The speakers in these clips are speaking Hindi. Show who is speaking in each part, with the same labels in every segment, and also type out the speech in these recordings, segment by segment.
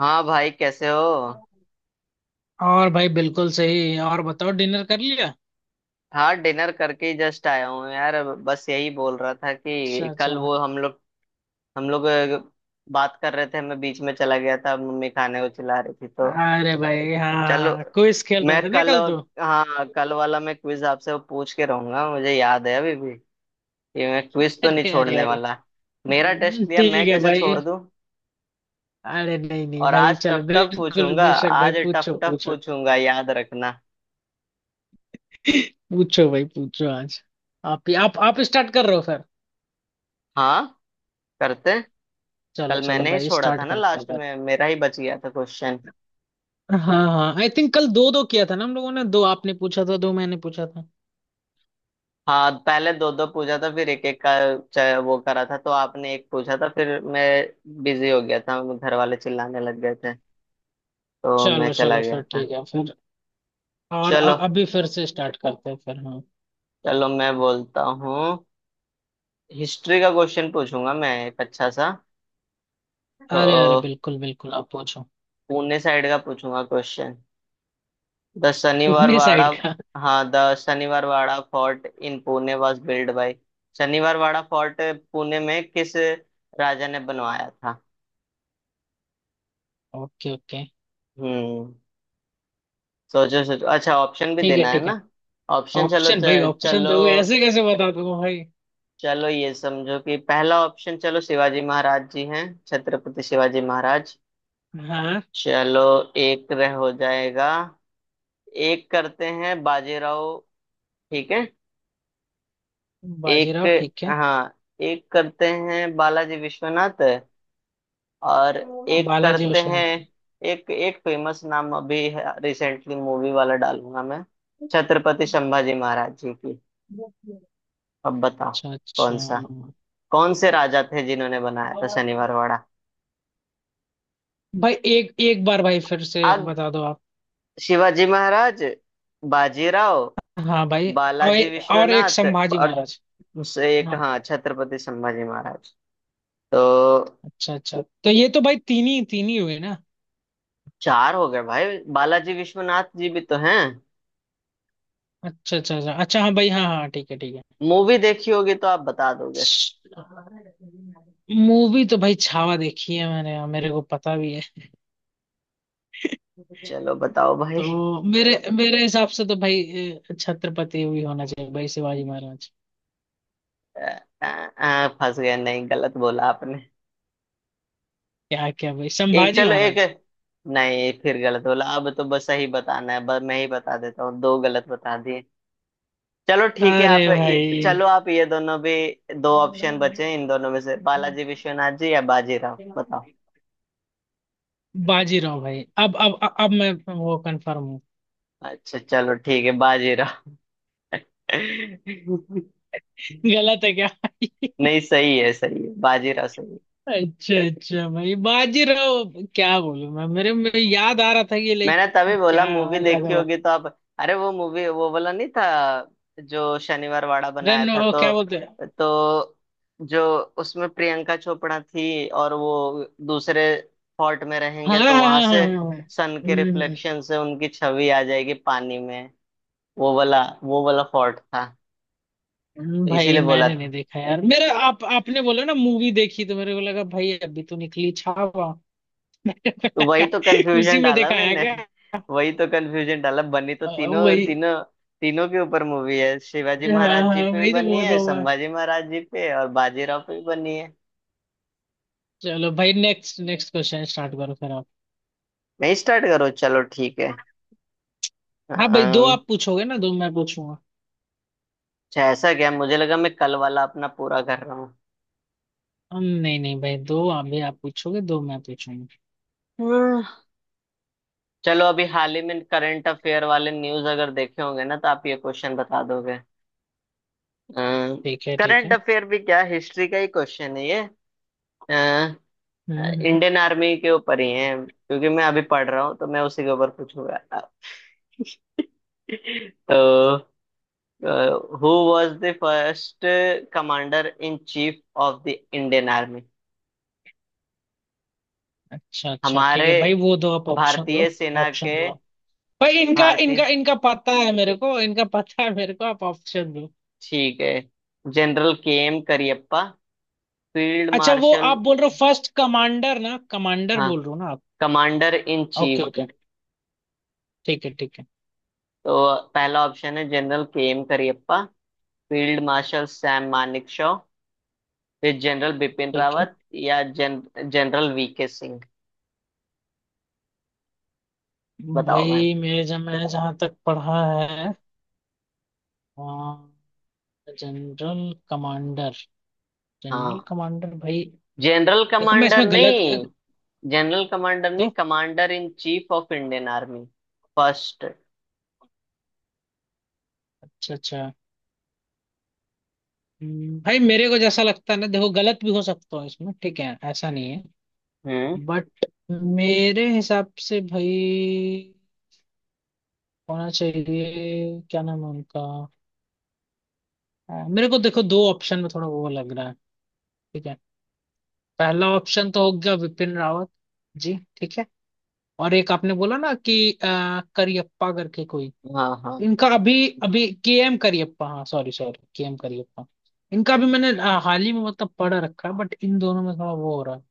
Speaker 1: हाँ भाई कैसे हो।
Speaker 2: और भाई बिल्कुल सही। और बताओ, डिनर कर लिया?
Speaker 1: हाँ डिनर करके ही जस्ट आया हूँ यार, बस यही बोल रहा था
Speaker 2: अच्छा
Speaker 1: कि
Speaker 2: अच्छा।
Speaker 1: कल वो हम लोग बात कर रहे थे, मैं बीच में चला गया था, मम्मी खाने को चिल्ला रही थी तो।
Speaker 2: अरे भाई
Speaker 1: चलो।
Speaker 2: हाँ, क्विज खेल
Speaker 1: मैं
Speaker 2: रहे थे ना
Speaker 1: कल।
Speaker 2: कल तो।
Speaker 1: हाँ कल वाला मैं क्विज आपसे वो पूछ के रहूंगा, मुझे याद है अभी भी कि मैं क्विज तो नहीं
Speaker 2: अरे अरे
Speaker 1: छोड़ने
Speaker 2: अरे।
Speaker 1: वाला। मेरा टेस्ट लिया, मैं
Speaker 2: ठीक है
Speaker 1: कैसे
Speaker 2: भाई।
Speaker 1: छोड़ दूं।
Speaker 2: अरे नहीं नहीं
Speaker 1: और
Speaker 2: भाई,
Speaker 1: आज
Speaker 2: चलो
Speaker 1: टफ टफ
Speaker 2: बिल्कुल
Speaker 1: पूछूंगा।
Speaker 2: बेशक भाई,
Speaker 1: आज टफ
Speaker 2: पूछो
Speaker 1: टफ
Speaker 2: पूछो।
Speaker 1: पूछूंगा, याद रखना।
Speaker 2: पूछो भाई पूछो आज। आप ही आप स्टार्ट कर रहे हो फिर।
Speaker 1: हाँ करते हैं।
Speaker 2: चलो
Speaker 1: कल
Speaker 2: चलो
Speaker 1: मैंने ही
Speaker 2: भाई,
Speaker 1: छोड़ा
Speaker 2: स्टार्ट
Speaker 1: था ना
Speaker 2: करते हैं
Speaker 1: लास्ट
Speaker 2: फिर।
Speaker 1: में, मेरा ही बच गया था क्वेश्चन।
Speaker 2: हाँ हाँ, आई थिंक कल दो दो किया था ना हम लोगों ने। दो आपने पूछा था, दो मैंने पूछा था।
Speaker 1: हाँ पहले दो दो पूछा था फिर एक एक का। वो करा था तो आपने एक पूछा था फिर मैं बिजी हो गया था, घर वाले चिल्लाने लग गए थे तो मैं
Speaker 2: चलो
Speaker 1: चला
Speaker 2: चलो
Speaker 1: गया
Speaker 2: फिर,
Speaker 1: था।
Speaker 2: ठीक है फिर। और
Speaker 1: चलो
Speaker 2: अभी फिर से स्टार्ट करते हैं फिर, हाँ।
Speaker 1: चलो। मैं बोलता हूँ। हिस्ट्री का क्वेश्चन पूछूंगा मैं एक अच्छा सा।
Speaker 2: अरे अरे
Speaker 1: तो
Speaker 2: बिल्कुल बिल्कुल, आप पूछो।
Speaker 1: पुणे साइड का पूछूंगा question. The
Speaker 2: Pune
Speaker 1: Sanivarwada,
Speaker 2: side का।
Speaker 1: हाँ, the Sanivarwada Fort in Pune was built by. Sanivarwada Fort Pune में किस राजा ने बनवाया था?
Speaker 2: Okay okay.
Speaker 1: हम्म। सोचो सोचो, अच्छा ऑप्शन भी
Speaker 2: ठीक
Speaker 1: देना
Speaker 2: है
Speaker 1: है
Speaker 2: ठीक
Speaker 1: ना।
Speaker 2: है।
Speaker 1: ऑप्शन चलो,
Speaker 2: ऑप्शन भाई? ऑप्शन
Speaker 1: चलो।
Speaker 2: दोगे ऐसे कैसे बता दूंगा भाई।
Speaker 1: चलो ये समझो कि पहला ऑप्शन, चलो शिवाजी महाराज जी हैं, छत्रपति शिवाजी महाराज।
Speaker 2: हाँ।
Speaker 1: चलो। एक रह हो जाएगा। एक करते हैं बाजीराव। ठीक है। एक।
Speaker 2: बाजीराव ठीक है।
Speaker 1: हाँ। एक करते हैं बालाजी विश्वनाथ। और एक
Speaker 2: बालाजी
Speaker 1: करते हैं।
Speaker 2: विश्वनाथ।
Speaker 1: एक एक फेमस नाम अभी, रिसेंटली मूवी वाला डालूंगा मैं। छत्रपति संभाजी महाराज जी की।
Speaker 2: अच्छा
Speaker 1: अब बताओ।
Speaker 2: अच्छा।
Speaker 1: कौन सा, कौन से राजा थे जिन्होंने बनाया था शनिवारवाड़ा।
Speaker 2: भाई एक एक बार भाई फिर से
Speaker 1: अब
Speaker 2: बता दो आप।
Speaker 1: शिवाजी महाराज, बाजीराव,
Speaker 2: हाँ भाई। और,
Speaker 1: बालाजी
Speaker 2: और एक
Speaker 1: विश्वनाथ,
Speaker 2: संभाजी
Speaker 1: और
Speaker 2: महाराज।
Speaker 1: उससे एक,
Speaker 2: हाँ।
Speaker 1: हाँ, छत्रपति संभाजी महाराज। तो
Speaker 2: अच्छा अच्छा, तो ये तो भाई तीन ही हुए ना।
Speaker 1: चार हो गए भाई, बालाजी विश्वनाथ जी भी तो हैं।
Speaker 2: अच्छा अच्छा अच्छा अच्छा, हाँ भाई, हाँ हाँ, ठीक है ठीक है।
Speaker 1: मूवी देखी होगी तो आप बता दोगे।
Speaker 2: मूवी तो भाई छावा देखी है मैंने, और मेरे को पता भी है।
Speaker 1: चलो बताओ भाई।
Speaker 2: तो मेरे मेरे हिसाब से तो भाई छत्रपति भी होना चाहिए भाई, शिवाजी महाराज।
Speaker 1: आ, आ, फंस गए, नहीं गलत बोला आपने।
Speaker 2: क्या क्या भाई?
Speaker 1: एक
Speaker 2: संभाजी
Speaker 1: चलो एक।
Speaker 2: महाराज।
Speaker 1: नहीं, फिर गलत बोला, अब तो बस सही बताना है, बस मैं ही बता देता हूँ, दो गलत बता दिए। चलो ठीक है,
Speaker 2: अरे
Speaker 1: आप
Speaker 2: भाई।
Speaker 1: चलो आप ये दोनों भी। दो ऑप्शन बचे हैं इन दोनों में से, बालाजी विश्वनाथ जी या बाजीराव, बताओ।
Speaker 2: बाजीराव भाई, अब मैं वो कंफर्म हूँ।
Speaker 1: अच्छा चलो ठीक है, बाजीराव।
Speaker 2: गलत है क्या?
Speaker 1: नहीं सही है, सही है, बाजीराव सही है।
Speaker 2: अच्छा अच्छा भाई, बाजीराव। क्या बोलूं मैं, मेरे में याद आ रहा था कि लाइक।
Speaker 1: मैंने तभी बोला
Speaker 2: क्या
Speaker 1: मूवी देखी
Speaker 2: लगा?
Speaker 1: होगी तो आप। अरे वो मूवी वो वाला नहीं था जो शनिवार वाड़ा बनाया
Speaker 2: रण,
Speaker 1: था
Speaker 2: वो
Speaker 1: तो।
Speaker 2: क्या बोलते हैं।
Speaker 1: तो जो उसमें प्रियंका चोपड़ा थी, और वो दूसरे फोर्ट में
Speaker 2: हाँ
Speaker 1: रहेंगे
Speaker 2: हाँ
Speaker 1: तो वहां
Speaker 2: हाँ हाँ,
Speaker 1: से
Speaker 2: हाँ, हाँ।
Speaker 1: सन के
Speaker 2: हम्म
Speaker 1: रिफ्लेक्शन से उनकी छवि आ जाएगी पानी में। वो वाला फोर्ट था। तो
Speaker 2: भाई
Speaker 1: इसीलिए बोला
Speaker 2: मैंने नहीं
Speaker 1: था।
Speaker 2: देखा यार। मेरा आप, आपने बोला ना मूवी देखी, तो मेरे को लगा भाई अभी तो निकली छावा।
Speaker 1: तो वही तो
Speaker 2: उसी
Speaker 1: कंफ्यूजन
Speaker 2: में
Speaker 1: डाला
Speaker 2: दिखाया
Speaker 1: मैंने।
Speaker 2: क्या?
Speaker 1: वही तो कंफ्यूजन डाला, बनी तो तीनों
Speaker 2: वही।
Speaker 1: तीनों। तीनों के ऊपर मूवी है, शिवाजी
Speaker 2: हाँ
Speaker 1: महाराज जी
Speaker 2: हाँ,
Speaker 1: पे भी
Speaker 2: वही तो
Speaker 1: बनी
Speaker 2: बोल रहा
Speaker 1: है,
Speaker 2: हूँ मैं।
Speaker 1: संभाजी महाराज जी पे और बाजीराव पे भी बनी है।
Speaker 2: चलो भाई, नेक्स्ट नेक्स्ट क्वेश्चन स्टार्ट करो फिर आप।
Speaker 1: नहीं स्टार्ट करो, चलो ठीक है।
Speaker 2: हाँ भाई, दो
Speaker 1: अम्म,
Speaker 2: आप पूछोगे ना, दो मैं पूछूंगा।
Speaker 1: अच्छा ऐसा क्या, मुझे लगा मैं कल वाला अपना पूरा कर रहा हूँ।
Speaker 2: हम नहीं नहीं भाई, दो आप भी, आप पूछोगे, दो मैं पूछूंगा।
Speaker 1: हम्म। चलो अभी हाल ही में करंट अफेयर वाले न्यूज अगर देखे होंगे ना तो आप ये क्वेश्चन बता दोगे।
Speaker 2: ठीक है ठीक
Speaker 1: करंट
Speaker 2: है।
Speaker 1: अफेयर भी क्या, हिस्ट्री का ही क्वेश्चन है ये।
Speaker 2: हम्म।
Speaker 1: इंडियन आर्मी के ऊपर ही है क्योंकि मैं अभी पढ़ रहा हूँ तो मैं उसी के ऊपर पूछूंगा। तो, who was the first commander in chief of the Indian army
Speaker 2: अच्छा अच्छा, ठीक
Speaker 1: हमारे
Speaker 2: है भाई, वो दो आप ऑप्शन
Speaker 1: भारतीय
Speaker 2: दो।
Speaker 1: सेना के।
Speaker 2: ऑप्शन दो भाई, इनका
Speaker 1: भारतीय।
Speaker 2: इनका इनका पता है मेरे को, इनका पता है मेरे को, आप ऑप्शन दो।
Speaker 1: ठीक है। General K M Cariappa, field
Speaker 2: अच्छा, वो
Speaker 1: मार्शल।
Speaker 2: आप बोल रहे हो फर्स्ट कमांडर ना, कमांडर
Speaker 1: हाँ,
Speaker 2: बोल रहे हो ना आप।
Speaker 1: Commander in
Speaker 2: okay
Speaker 1: chief.
Speaker 2: Okay. ठीक है ठीक है।
Speaker 1: तो पहला ऑप्शन है general K M Cariappa, field marshal Sam Manekshaw, फिर जनरल बिपिन
Speaker 2: ठीक है
Speaker 1: रावत, या जनरल वीके सिंह। बताओ भाई।
Speaker 2: भाई, मेरे जब मैंने जहाँ तक पढ़ा है। General commander. जनरल
Speaker 1: हाँ।
Speaker 2: कमांडर भाई।
Speaker 1: जनरल
Speaker 2: देखो मैं
Speaker 1: कमांडर
Speaker 2: इसमें गलत।
Speaker 1: नहीं, जनरल कमांडर नहीं,
Speaker 2: तो
Speaker 1: commander in chief of Indian army. First.
Speaker 2: अच्छा अच्छा। भाई मेरे को जैसा लगता है ना, देखो गलत भी हो सकता हूँ इसमें, ठीक है, ऐसा नहीं है।
Speaker 1: हम्म।
Speaker 2: बट मेरे हिसाब से भाई होना चाहिए, क्या नाम है उनका। मेरे को देखो दो ऑप्शन में थोड़ा वो लग रहा है। ठीक है। पहला ऑप्शन तो हो गया विपिन रावत जी, ठीक है। और एक आपने बोला ना कि करियप्पा करके कोई।
Speaker 1: हाँ हाँ।
Speaker 2: इनका अभी, अभी के एम करियप्पा, हाँ sorry sorry, K M Cariappa. इनका भी मैंने हाल ही में मतलब पढ़ रखा है। बट इन दोनों में थोड़ा वो हो रहा है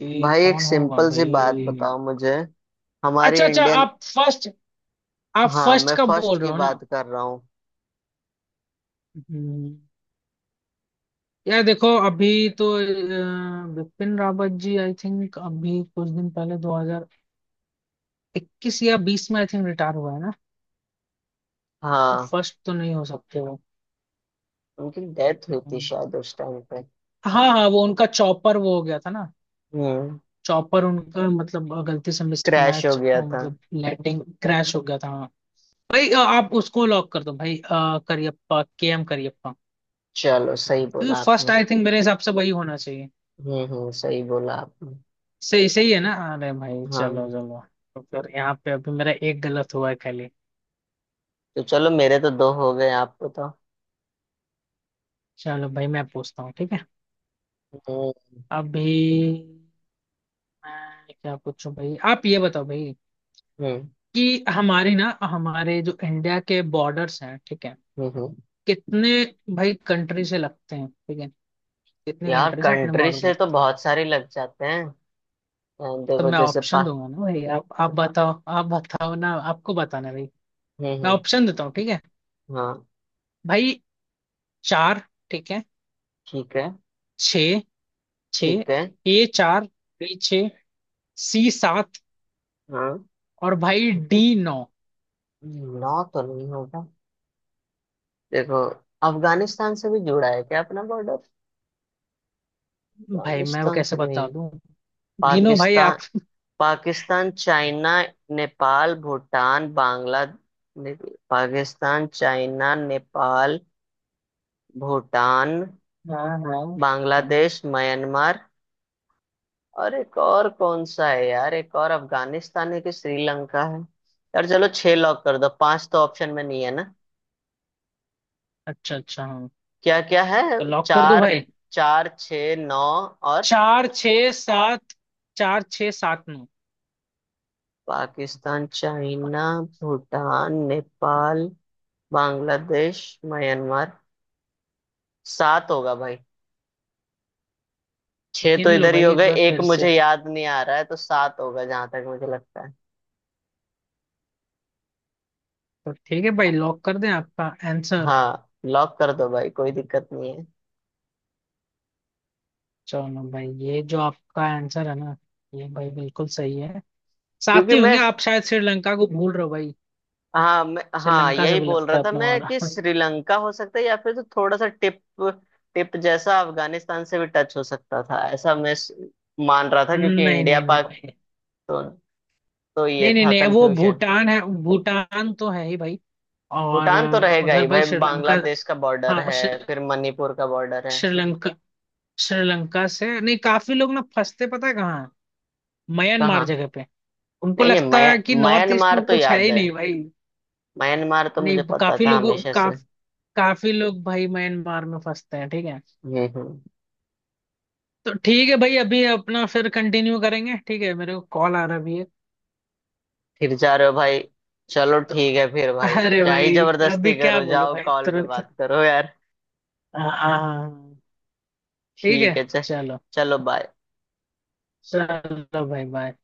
Speaker 2: कि
Speaker 1: भाई एक
Speaker 2: कौन होगा
Speaker 1: सिंपल सी बात
Speaker 2: भाई।
Speaker 1: बताओ मुझे।
Speaker 2: अच्छा
Speaker 1: हमारी
Speaker 2: अच्छा,
Speaker 1: इंडियन।
Speaker 2: आप फर्स्ट, आप
Speaker 1: हाँ
Speaker 2: फर्स्ट
Speaker 1: मैं
Speaker 2: का बोल
Speaker 1: फर्स्ट
Speaker 2: रहे
Speaker 1: की
Speaker 2: हो ना।
Speaker 1: बात कर रहा हूँ।
Speaker 2: हम्म, यार देखो, अभी तो बिपिन रावत जी आई थिंक अभी कुछ दिन पहले 2021 या 20 में आई थिंक रिटायर हुआ है ना। तो
Speaker 1: हाँ।
Speaker 2: फर्स्ट तो नहीं हो सकते वो।
Speaker 1: उनकी डेथ हुई थी शायद उस टाइम पे।
Speaker 2: हाँ हाँ, वो उनका चॉपर वो हो गया था ना।
Speaker 1: हम्म।
Speaker 2: चॉपर उनका, मतलब गलती से
Speaker 1: क्रैश हो
Speaker 2: मिसमैच,
Speaker 1: गया था।
Speaker 2: मतलब लैंडिंग क्रैश हो गया था, हाँ। भाई आप उसको लॉक कर दो भाई, करियप्पा, के एम करियप्पा।
Speaker 1: चलो, सही बोला
Speaker 2: क्योंकि फर्स्ट
Speaker 1: आपने।
Speaker 2: आई थिंक मेरे हिसाब से वही होना चाहिए।
Speaker 1: हम्म, सही बोला आपने।
Speaker 2: सही सही है ना। अरे भाई चलो
Speaker 1: हाँ।
Speaker 2: चलो। तो फिर यहाँ पे अभी मेरा एक गलत हुआ है।
Speaker 1: तो चलो मेरे तो दो हो गए, आपको तो।
Speaker 2: चलो भाई मैं पूछता हूँ ठीक है।
Speaker 1: हम्म
Speaker 2: अभी मैं क्या पूछूं भाई, आप ये बताओ भाई,
Speaker 1: हम्म।
Speaker 2: कि हमारी ना, हमारे जो इंडिया के बॉर्डर्स हैं, ठीक है,
Speaker 1: हम्म हम्म।
Speaker 2: कितने भाई कंट्री से लगते हैं, ठीक है, कितने
Speaker 1: यार,
Speaker 2: कंट्री से अपने
Speaker 1: कंट्री
Speaker 2: बॉर्डर
Speaker 1: से तो
Speaker 2: लगते हैं।
Speaker 1: बहुत सारे लग जाते हैं।
Speaker 2: तो
Speaker 1: देखो
Speaker 2: मैं
Speaker 1: जैसे पा।
Speaker 2: ऑप्शन दूंगा ना भाई, आप बताओ, आप बताओ ना, आपको बताना है भाई। मैं
Speaker 1: हम्म।
Speaker 2: ऑप्शन देता हूँ ठीक है।
Speaker 1: हाँ
Speaker 2: भाई चार, ठीक है।
Speaker 1: ठीक है,
Speaker 2: छ, छ।
Speaker 1: ठीक है।
Speaker 2: ए चार, बी छ, सी सात,
Speaker 1: हाँ।
Speaker 2: और भाई डी नौ।
Speaker 1: नौ तो नहीं होगा। देखो। अफगानिस्तान से भी जुड़ा है क्या अपना बॉर्डर?
Speaker 2: भाई मैं वो
Speaker 1: अफगानिस्तान से
Speaker 2: कैसे बता
Speaker 1: नहीं।
Speaker 2: दूं। गिनो भाई
Speaker 1: पाकिस्तान।
Speaker 2: आप।
Speaker 1: पाकिस्तान, चाइना, नेपाल, भूटान, बांग्लादेश। पाकिस्तान, चाइना, नेपाल, भूटान,
Speaker 2: हाँ हाँ, हाँ।
Speaker 1: बांग्लादेश, म्यांमार। और एक और कौन सा है यार, एक और, अफगानिस्तान है कि श्रीलंका है। यार चलो छह लॉक कर दो, पांच तो ऑप्शन में नहीं है ना।
Speaker 2: अच्छा अच्छा हाँ।
Speaker 1: क्या क्या है?
Speaker 2: तो लॉक कर दो
Speaker 1: चार,
Speaker 2: भाई।
Speaker 1: चार छ नौ, और।
Speaker 2: चार छ सात, चार छ सात नौ।
Speaker 1: Pakistan, China, Bhutan, Nepal, Bangladesh, Myanmar. सात होगा भाई। छह
Speaker 2: गिन
Speaker 1: तो
Speaker 2: लो
Speaker 1: इधर ही
Speaker 2: भाई
Speaker 1: हो
Speaker 2: एक
Speaker 1: गए,
Speaker 2: बार
Speaker 1: एक
Speaker 2: फिर
Speaker 1: मुझे
Speaker 2: से।
Speaker 1: याद नहीं आ रहा है तो सात होगा जहां तक मुझे लगता है।
Speaker 2: तो ठीक है भाई, लॉक कर दें आपका आंसर।
Speaker 1: हाँ लॉक कर दो भाई, कोई दिक्कत नहीं है।
Speaker 2: चलो भाई ये जो आपका आंसर है ना, ये भाई बिल्कुल सही है। साथ
Speaker 1: क्योंकि
Speaker 2: ही होंगे
Speaker 1: मैं।
Speaker 2: आप, शायद श्रीलंका को भूल रहे हो भाई।
Speaker 1: हाँ हाँ
Speaker 2: श्रीलंका से
Speaker 1: यही
Speaker 2: भी
Speaker 1: बोल
Speaker 2: लगता
Speaker 1: रहा
Speaker 2: है
Speaker 1: था
Speaker 2: अपना
Speaker 1: मैं
Speaker 2: वाला।
Speaker 1: कि श्रीलंका हो सकता है या फिर, तो थोड़ा सा टिप, टिप जैसा अफगानिस्तान से भी टच हो सकता था ऐसा मैं मान रहा था क्योंकि
Speaker 2: नहीं
Speaker 1: इंडिया
Speaker 2: नहीं नहीं
Speaker 1: पाक।
Speaker 2: भाई।
Speaker 1: तो तो ये
Speaker 2: नहीं नहीं
Speaker 1: था
Speaker 2: नहीं, वो
Speaker 1: कंफ्यूजन।
Speaker 2: भूटान है, भूटान तो है ही भाई। और
Speaker 1: भूटान तो रहेगा
Speaker 2: उधर
Speaker 1: ही
Speaker 2: भाई
Speaker 1: भाई,
Speaker 2: श्रीलंका।
Speaker 1: बांग्लादेश का बॉर्डर
Speaker 2: हाँ
Speaker 1: है।
Speaker 2: श्री-
Speaker 1: फिर मणिपुर का बॉर्डर है।
Speaker 2: श्रीलंका। श्रीलंका से नहीं, काफी लोग ना फंसते, पता है कहाँ, म्यांमार
Speaker 1: कहाँ?
Speaker 2: जगह पे। उनको
Speaker 1: नहीं नहीं,
Speaker 2: लगता है कि नॉर्थ ईस्ट
Speaker 1: म्यांमार
Speaker 2: में
Speaker 1: तो
Speaker 2: कुछ है
Speaker 1: याद
Speaker 2: ही
Speaker 1: है।
Speaker 2: नहीं भाई।
Speaker 1: म्यांमार तो मुझे
Speaker 2: नहीं,
Speaker 1: पता था हमेशा से।
Speaker 2: काफ, काफी लोग भाई म्यांमार में फंसते हैं ठीक है।
Speaker 1: हम्म हम्म।
Speaker 2: तो ठीक है भाई, अभी अपना फिर कंटिन्यू करेंगे, ठीक है, मेरे को कॉल आ रहा भी है।
Speaker 1: फिर जा रहे हो भाई? चलो
Speaker 2: तो
Speaker 1: ठीक है फिर भाई,
Speaker 2: अरे
Speaker 1: क्या ही
Speaker 2: भाई अभी
Speaker 1: जबरदस्ती
Speaker 2: क्या
Speaker 1: करो,
Speaker 2: बोलूं
Speaker 1: जाओ
Speaker 2: भाई
Speaker 1: कॉल पे
Speaker 2: तुरंत।
Speaker 1: बात करो यार।
Speaker 2: हाँ हाँ, हाँ, हाँ। ठीक
Speaker 1: ठीक
Speaker 2: है
Speaker 1: है चल।
Speaker 2: चलो।
Speaker 1: चलो बाय।
Speaker 2: चलो भाई बाय।